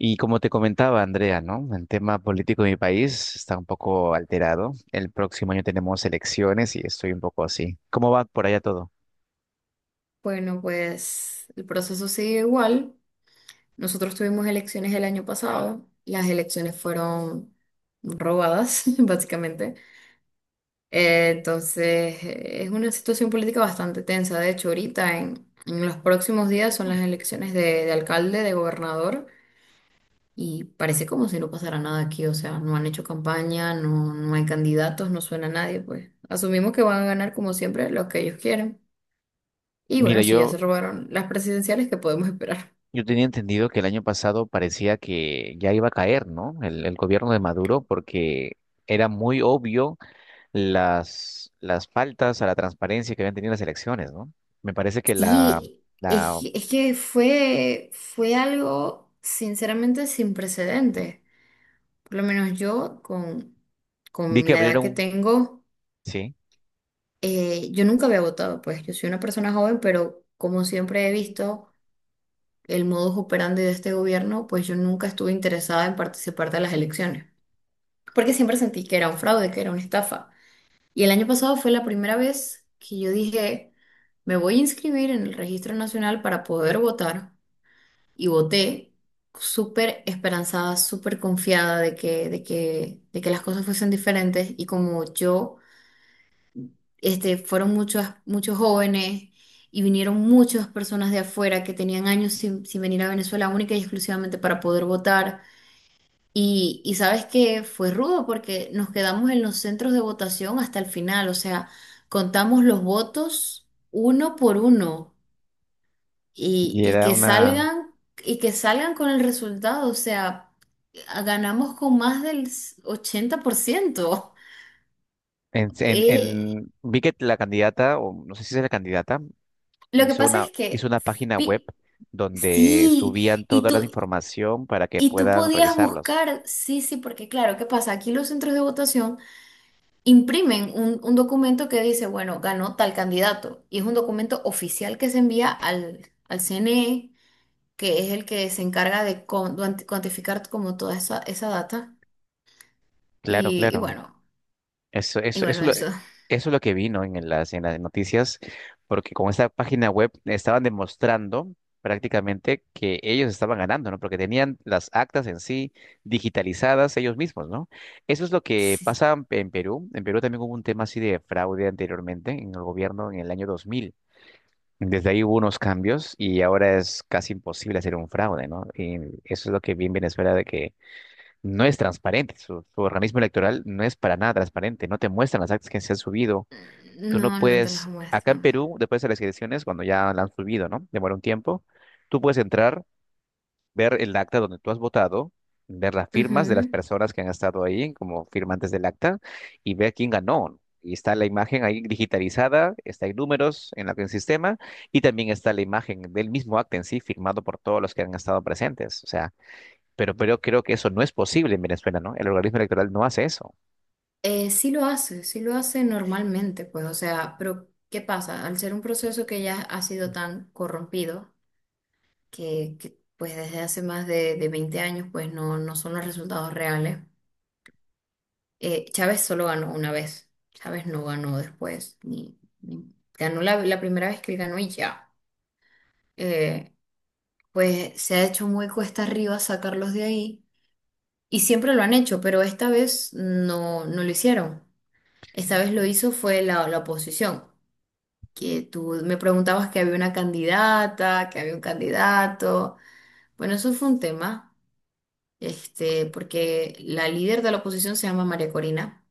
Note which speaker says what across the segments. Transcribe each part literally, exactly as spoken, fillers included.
Speaker 1: Y como te comentaba, Andrea, ¿no? El tema político de mi país está un poco alterado. El próximo año tenemos elecciones y estoy un poco así. ¿Cómo va por allá todo?
Speaker 2: Bueno, pues el proceso sigue igual. Nosotros tuvimos elecciones el año pasado. Las elecciones fueron robadas, básicamente. Eh, entonces, eh, es una situación política bastante tensa. De hecho, ahorita en, en los próximos días son las elecciones de, de alcalde, de gobernador, y parece como si no pasara nada aquí. O sea, no han hecho campaña, no, no hay candidatos, no suena nadie. Pues asumimos que van a ganar, como siempre, los que ellos quieren. Y
Speaker 1: Mira,
Speaker 2: bueno, si ya se
Speaker 1: yo,
Speaker 2: robaron las presidenciales, ¿qué podemos esperar?
Speaker 1: yo tenía entendido que el año pasado parecía que ya iba a caer, ¿no? El, el gobierno de Maduro, porque era muy obvio las, las faltas a la transparencia que habían tenido las elecciones, ¿no? Me parece que la,
Speaker 2: Sí,
Speaker 1: la,
Speaker 2: es, es que fue, fue algo sinceramente sin precedentes. Por lo menos yo, con,
Speaker 1: vi
Speaker 2: con
Speaker 1: que
Speaker 2: la edad que
Speaker 1: abrieron,
Speaker 2: tengo,
Speaker 1: sí,
Speaker 2: eh, yo nunca había votado, pues yo soy una persona joven, pero como siempre he visto el modus operandi de este gobierno, pues yo nunca estuve interesada en participar de las elecciones, porque siempre sentí que era un fraude, que era una estafa. Y el año pasado fue la primera vez que yo dije, me voy a inscribir en el Registro Nacional para poder votar y voté súper esperanzada, súper confiada de que, de que, de que las cosas fuesen diferentes y como yo, este, fueron muchos, muchos jóvenes y vinieron muchas personas de afuera que tenían años sin, sin venir a Venezuela única y exclusivamente para poder votar. Y, y sabes que fue rudo porque nos quedamos en los centros de votación hasta el final, o sea, contamos los votos uno por uno y,
Speaker 1: y
Speaker 2: y
Speaker 1: era
Speaker 2: que
Speaker 1: una.
Speaker 2: salgan y que salgan con el resultado, o sea, a- ganamos con más del s- ochenta por ciento.
Speaker 1: En, en,
Speaker 2: Eh,
Speaker 1: en- vi que la candidata, o no sé si es la candidata,
Speaker 2: lo que
Speaker 1: hizo
Speaker 2: pasa es
Speaker 1: una, hizo
Speaker 2: que
Speaker 1: una página web
Speaker 2: fi-
Speaker 1: donde
Speaker 2: sí,
Speaker 1: subían
Speaker 2: y
Speaker 1: toda
Speaker 2: tú
Speaker 1: la información para que
Speaker 2: y tú
Speaker 1: puedan
Speaker 2: podías
Speaker 1: revisarlos.
Speaker 2: buscar, sí, sí, porque claro, ¿qué pasa? Aquí los centros de votación imprimen un, un documento que dice, bueno, ganó tal candidato, y es un documento oficial que se envía al, al C N E, que es el que se encarga de con- cuantificar como toda esa, esa data.
Speaker 1: Claro,
Speaker 2: Y, y
Speaker 1: claro.
Speaker 2: bueno,
Speaker 1: Eso,
Speaker 2: y
Speaker 1: eso,
Speaker 2: bueno,
Speaker 1: eso, lo-
Speaker 2: eso.
Speaker 1: eso es lo que vino en las, en las noticias, porque con esta página web estaban demostrando prácticamente que ellos estaban ganando, ¿no? Porque tenían las actas en sí digitalizadas ellos mismos, ¿no? Eso es lo que
Speaker 2: Sí.
Speaker 1: pasa en Perú. En Perú también hubo un tema así de fraude anteriormente en el gobierno en el año dos mil. Desde ahí hubo unos cambios y ahora es casi imposible hacer un fraude, ¿no? Y eso es lo que vi en Venezuela, de que no es transparente, su, su organismo electoral no es para nada transparente, no te muestran las actas que se han subido. Tú no
Speaker 2: No, no te las
Speaker 1: puedes, acá en
Speaker 2: muestran.
Speaker 1: Perú, después de las elecciones, cuando ya la han subido, ¿no? Demora un tiempo, tú puedes entrar, ver el acta donde tú has votado, ver las firmas de las
Speaker 2: Ujú.
Speaker 1: personas que han estado ahí como firmantes del acta y ver quién ganó, ¿no? Y está la imagen ahí digitalizada, está, hay números en la- en el sistema y también está la imagen del mismo acta en sí firmado por todos los que han estado presentes. O sea, pero, pero creo que eso no es posible en Venezuela, ¿no? El organismo electoral no hace eso.
Speaker 2: Eh, sí lo hace, sí lo hace normalmente, pues, o sea, pero ¿qué pasa? Al ser un proceso que ya ha sido tan corrompido, que, que, pues desde hace más de, de veinte años, pues no, no son los resultados reales. Eh, Chávez solo ganó una vez, Chávez no ganó después, ni, ni- ganó la, la primera vez que él ganó y ya. Eh, pues se ha hecho muy cuesta arriba sacarlos de ahí. Y siempre lo han hecho, pero esta vez no, no lo hicieron. Esta vez lo hizo fue la, la oposición, que tú me preguntabas que había una candidata, que había un candidato. Bueno, eso fue un tema, este, porque la líder de la oposición se llama María Corina,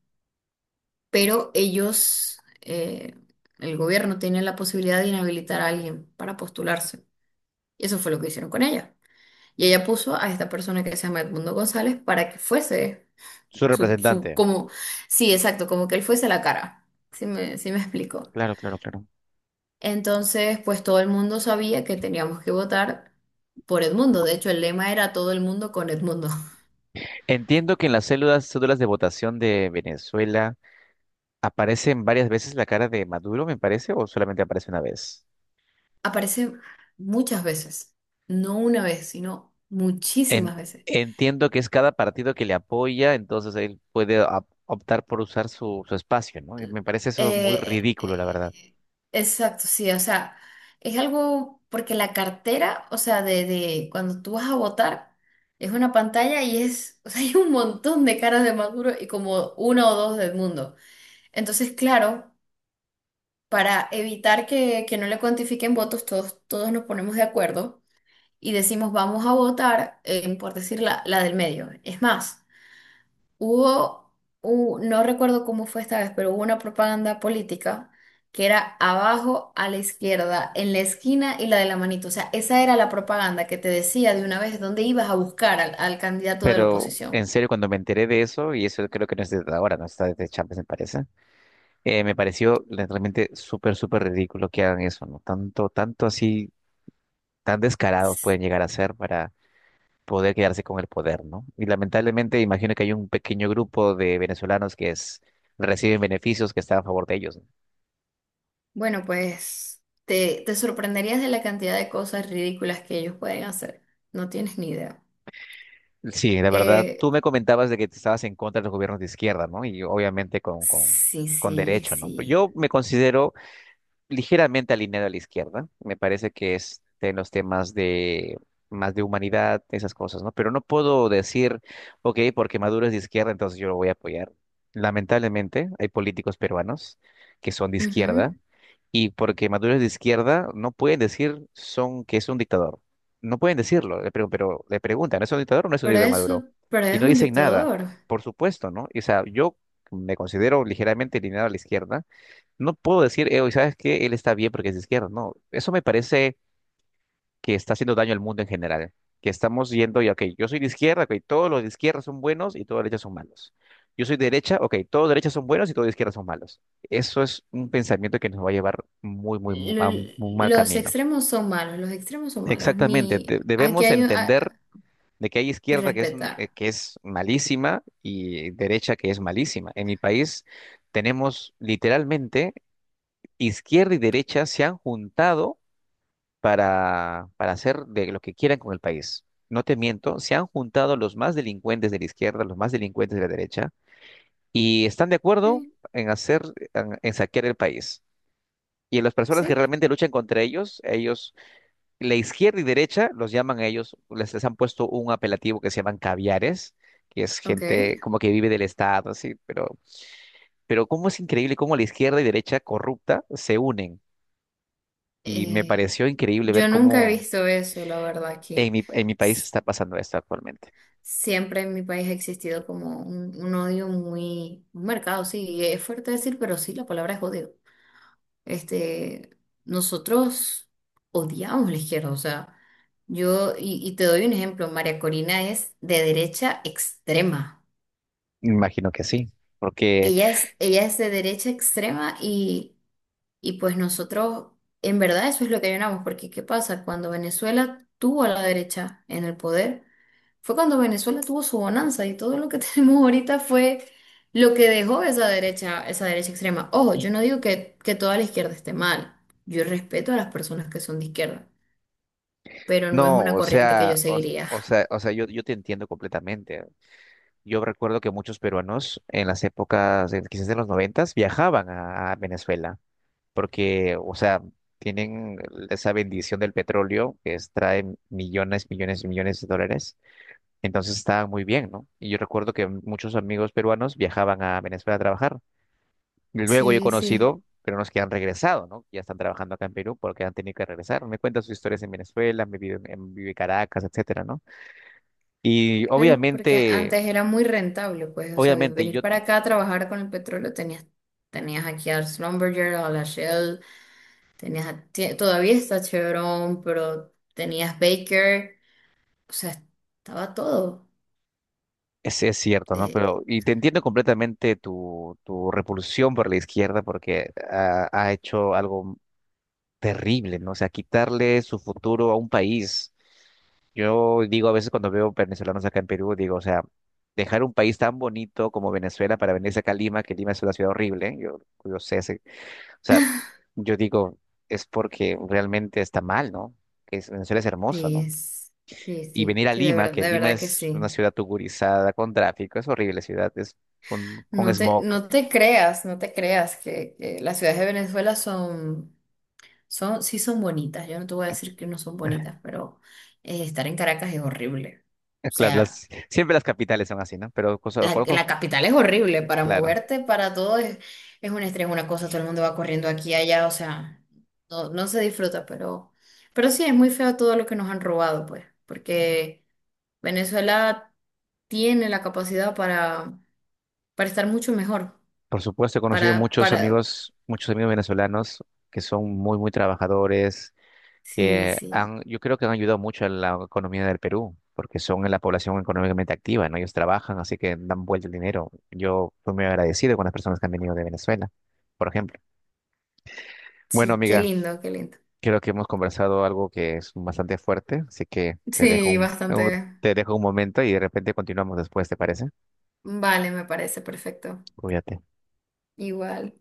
Speaker 2: pero ellos, eh, el gobierno tiene la posibilidad de inhabilitar a alguien para postularse. Y eso fue lo que hicieron con ella. Y ella puso a esta persona que se llama Edmundo González para que fuese.
Speaker 1: Su
Speaker 2: su, su,
Speaker 1: representante.
Speaker 2: como, sí, exacto, como que él fuese la cara. Sí me, sí me explico.
Speaker 1: Claro, claro, claro.
Speaker 2: Entonces, pues todo el mundo sabía que teníamos que votar por Edmundo. De hecho, el lema era todo el mundo con Edmundo.
Speaker 1: Entiendo que en las células, cédulas de votación de Venezuela aparecen varias veces la cara de Maduro, me parece, o solamente aparece una vez.
Speaker 2: Aparece muchas veces, no una vez, sino
Speaker 1: En-
Speaker 2: muchísimas veces.
Speaker 1: entiendo que es cada partido que le apoya, entonces él puede op- optar por usar su, su espacio, ¿no? Y me parece eso muy
Speaker 2: Eh,
Speaker 1: ridículo, la verdad.
Speaker 2: eh, exacto, sí, o sea, es algo porque la cartera, o sea, de, de cuando tú vas a votar, es una pantalla y es, o sea, hay un montón de caras de Maduro y como una o dos del mundo. Entonces, claro, para evitar que, que no le cuantifiquen votos, todos, todos nos ponemos de acuerdo y decimos, vamos a votar, eh, por decir la, la del medio. Es más. Hubo, u- no recuerdo cómo fue esta vez, pero hubo una propaganda política que era abajo a la izquierda, en la esquina y la de la manito. O sea, esa era la propaganda que te decía de una vez dónde ibas a buscar al, al candidato de la
Speaker 1: Pero
Speaker 2: oposición.
Speaker 1: en serio, cuando me enteré de eso, y eso creo que no es desde ahora, no está desde Chávez, me parece, eh, me pareció la- realmente súper, súper ridículo que hagan eso, ¿no? Tanto, tanto así, tan descarados pueden llegar a ser para poder quedarse con el poder, ¿no? Y lamentablemente imagino que hay un pequeño grupo de venezolanos que es- reciben beneficios, que están a favor de ellos, ¿no?
Speaker 2: Bueno, pues te, te sorprenderías de la cantidad de cosas ridículas que ellos pueden hacer. No tienes ni idea.
Speaker 1: Sí, la verdad,
Speaker 2: Eh,
Speaker 1: tú me comentabas de que te estabas en contra de los gobiernos de izquierda, ¿no? Y obviamente con, con,
Speaker 2: sí,
Speaker 1: con
Speaker 2: sí,
Speaker 1: derecho, ¿no?
Speaker 2: sí.
Speaker 1: Yo me considero ligeramente alineado a la izquierda. Me parece que es en los temas de más de humanidad, esas cosas, ¿no? Pero no puedo decir, ok, porque Maduro es de izquierda, entonces yo lo voy a apoyar. Lamentablemente, hay políticos peruanos que son de izquierda
Speaker 2: Ujú.
Speaker 1: y, porque Maduro es de izquierda, no pueden decir son que es un dictador. No pueden decirlo, le pregun- pero le preguntan, ¿es un dictador o no es un
Speaker 2: Pero
Speaker 1: dictador Maduro?
Speaker 2: eso, pero
Speaker 1: Y
Speaker 2: es
Speaker 1: no
Speaker 2: un
Speaker 1: dicen nada,
Speaker 2: dictador.
Speaker 1: por supuesto, ¿no? O sea, yo me considero ligeramente alineado a la izquierda, no puedo decir, eh, ¿sabes qué? Él está bien porque es de izquierda. No, eso me parece que está haciendo daño al mundo en general. Que estamos yendo y, ok, yo soy de izquierda, ok, todos los de izquierda son buenos y todos los de derecha son malos. Yo soy de derecha, ok, todos de derecha son buenos y todos de izquierda son malos. Eso es un pensamiento que nos va a llevar muy, muy, mu- a
Speaker 2: Lo-
Speaker 1: un un mal
Speaker 2: Los
Speaker 1: camino.
Speaker 2: extremos son malos, los extremos son malos.
Speaker 1: Exactamente, de-
Speaker 2: Ni aquí
Speaker 1: debemos
Speaker 2: hay un- a-
Speaker 1: entender de que hay
Speaker 2: y
Speaker 1: izquierda que es, un-
Speaker 2: respetar.
Speaker 1: eh, que es malísima, y derecha que es malísima. En mi país tenemos literalmente izquierda y derecha se han juntado para, para hacer de lo que quieran con el país. No te miento, se han juntado los más delincuentes de la izquierda, los más delincuentes de la derecha, y están de acuerdo
Speaker 2: Sí,
Speaker 1: en hacer, en, en saquear el país. Y las personas que
Speaker 2: sí,
Speaker 1: realmente luchan contra ellos, ellos, la izquierda y derecha, los llaman a ellos, les, les han puesto un apelativo, que se llaman caviares, que es
Speaker 2: ok.
Speaker 1: gente como que vive del Estado, así, pero, pero cómo es increíble cómo la izquierda y derecha corrupta se unen, y me
Speaker 2: Eh,
Speaker 1: pareció increíble
Speaker 2: yo
Speaker 1: ver
Speaker 2: nunca he
Speaker 1: cómo
Speaker 2: visto eso, la verdad, aquí.
Speaker 1: en mi en mi país
Speaker 2: S-
Speaker 1: está pasando esto actualmente.
Speaker 2: Siempre en mi país ha existido como un, un odio muy marcado, sí, y es fuerte decir, pero sí, la palabra es odio. Este, nosotros odiamos la izquierda, o sea, yo, y, y te doy un ejemplo, María Corina es de derecha extrema.
Speaker 1: Me Imagino que sí, porque...
Speaker 2: Ella es, ella es de derecha extrema y, y pues nosotros, en verdad, eso es lo que llenamos, porque ¿qué pasa? Cuando Venezuela tuvo a la derecha en el poder, fue cuando Venezuela tuvo su bonanza y todo lo que tenemos ahorita fue lo que dejó esa derecha, esa derecha extrema. Ojo, yo
Speaker 1: Y
Speaker 2: no digo que, que toda la izquierda esté mal, yo respeto a las personas que son de izquierda, pero no es
Speaker 1: no,
Speaker 2: una
Speaker 1: o
Speaker 2: corriente que yo
Speaker 1: sea, o,
Speaker 2: seguiría.
Speaker 1: o sea, o sea, yo, yo te entiendo completamente. Yo recuerdo que muchos peruanos en las épocas, eh, quizás de los noventas, viajaban a, a Venezuela, porque, o sea, tienen esa bendición del petróleo que extrae millones, millones y millones de dólares. Entonces estaban muy bien, ¿no? Y yo recuerdo que muchos amigos peruanos viajaban a Venezuela a trabajar. Luego yo he
Speaker 2: Sí, sí.
Speaker 1: conocido peruanos que han regresado, ¿no? Ya están trabajando acá en Perú porque han tenido que regresar. Me cuentan sus historias en Venezuela, me vive en, vive Caracas, etcétera, ¿no? Y
Speaker 2: Claro, porque
Speaker 1: obviamente,
Speaker 2: antes era muy rentable, pues, o sea, vi-
Speaker 1: obviamente
Speaker 2: venir
Speaker 1: yo,
Speaker 2: para acá a trabajar con el petróleo, tenías, tenías aquí a Schlumberger, a la Shell, tenías a- tie- todavía está Chevron, pero tenías Baker, o sea, estaba todo.
Speaker 1: es, es cierto, ¿no?
Speaker 2: Eh,
Speaker 1: Pero, y te entiendo completamente tu, tu repulsión por la izquierda porque ha, ha hecho algo terrible, ¿no? O sea, quitarle su futuro a un país. Yo digo a veces cuando veo venezolanos acá en Perú, digo, o sea, dejar un país tan bonito como Venezuela para venirse acá a Lima, que Lima es una ciudad horrible, yo, yo sé, sé- o sea, yo digo, es porque realmente está mal, ¿no? Que es- Venezuela es hermoso,
Speaker 2: sí,
Speaker 1: ¿no?
Speaker 2: es- sí,
Speaker 1: Y
Speaker 2: sí,
Speaker 1: venir a
Speaker 2: sí, de
Speaker 1: Lima,
Speaker 2: verdad,
Speaker 1: que
Speaker 2: de
Speaker 1: Lima
Speaker 2: verdad que
Speaker 1: es una
Speaker 2: sí.
Speaker 1: ciudad tugurizada, con tráfico, es horrible ciudad, es con, con
Speaker 2: No te,
Speaker 1: smog.
Speaker 2: no te creas, no te creas que, que las ciudades de Venezuela son, son, sí son bonitas. Yo no te voy a decir que no son bonitas, pero eh, estar en Caracas es horrible.
Speaker 1: Eh,
Speaker 2: O
Speaker 1: claro,
Speaker 2: sea.
Speaker 1: las, siempre las capitales son así, ¿no? Pero cosa-
Speaker 2: La,
Speaker 1: conozco,
Speaker 2: la capital es horrible para
Speaker 1: claro.
Speaker 2: moverte, para todo es, es un estrés, una cosa, todo el mundo va corriendo aquí y allá, o sea, no, no se disfruta, pero, pero sí, es muy feo todo lo que nos han robado, pues, porque Venezuela tiene la capacidad para, para estar mucho mejor,
Speaker 1: Por supuesto, he conocido
Speaker 2: para,
Speaker 1: muchos
Speaker 2: para,
Speaker 1: amigos, muchos amigos venezolanos que son muy, muy trabajadores,
Speaker 2: sí,
Speaker 1: que
Speaker 2: sí,
Speaker 1: han, yo creo que han ayudado mucho a la economía del Perú, porque son la población económicamente activa, ¿no? Ellos trabajan, así que dan vuelta el dinero. Yo estoy muy agradecido con las personas que han venido de Venezuela, por ejemplo. Bueno,
Speaker 2: sí, qué
Speaker 1: amiga,
Speaker 2: lindo, qué lindo.
Speaker 1: creo que hemos conversado algo que es bastante fuerte, así que te dejo
Speaker 2: Sí,
Speaker 1: un, un-
Speaker 2: bastante.
Speaker 1: te dejo un momento y de repente continuamos después, ¿te parece?
Speaker 2: Vale, me parece perfecto.
Speaker 1: Cuídate.
Speaker 2: Igual.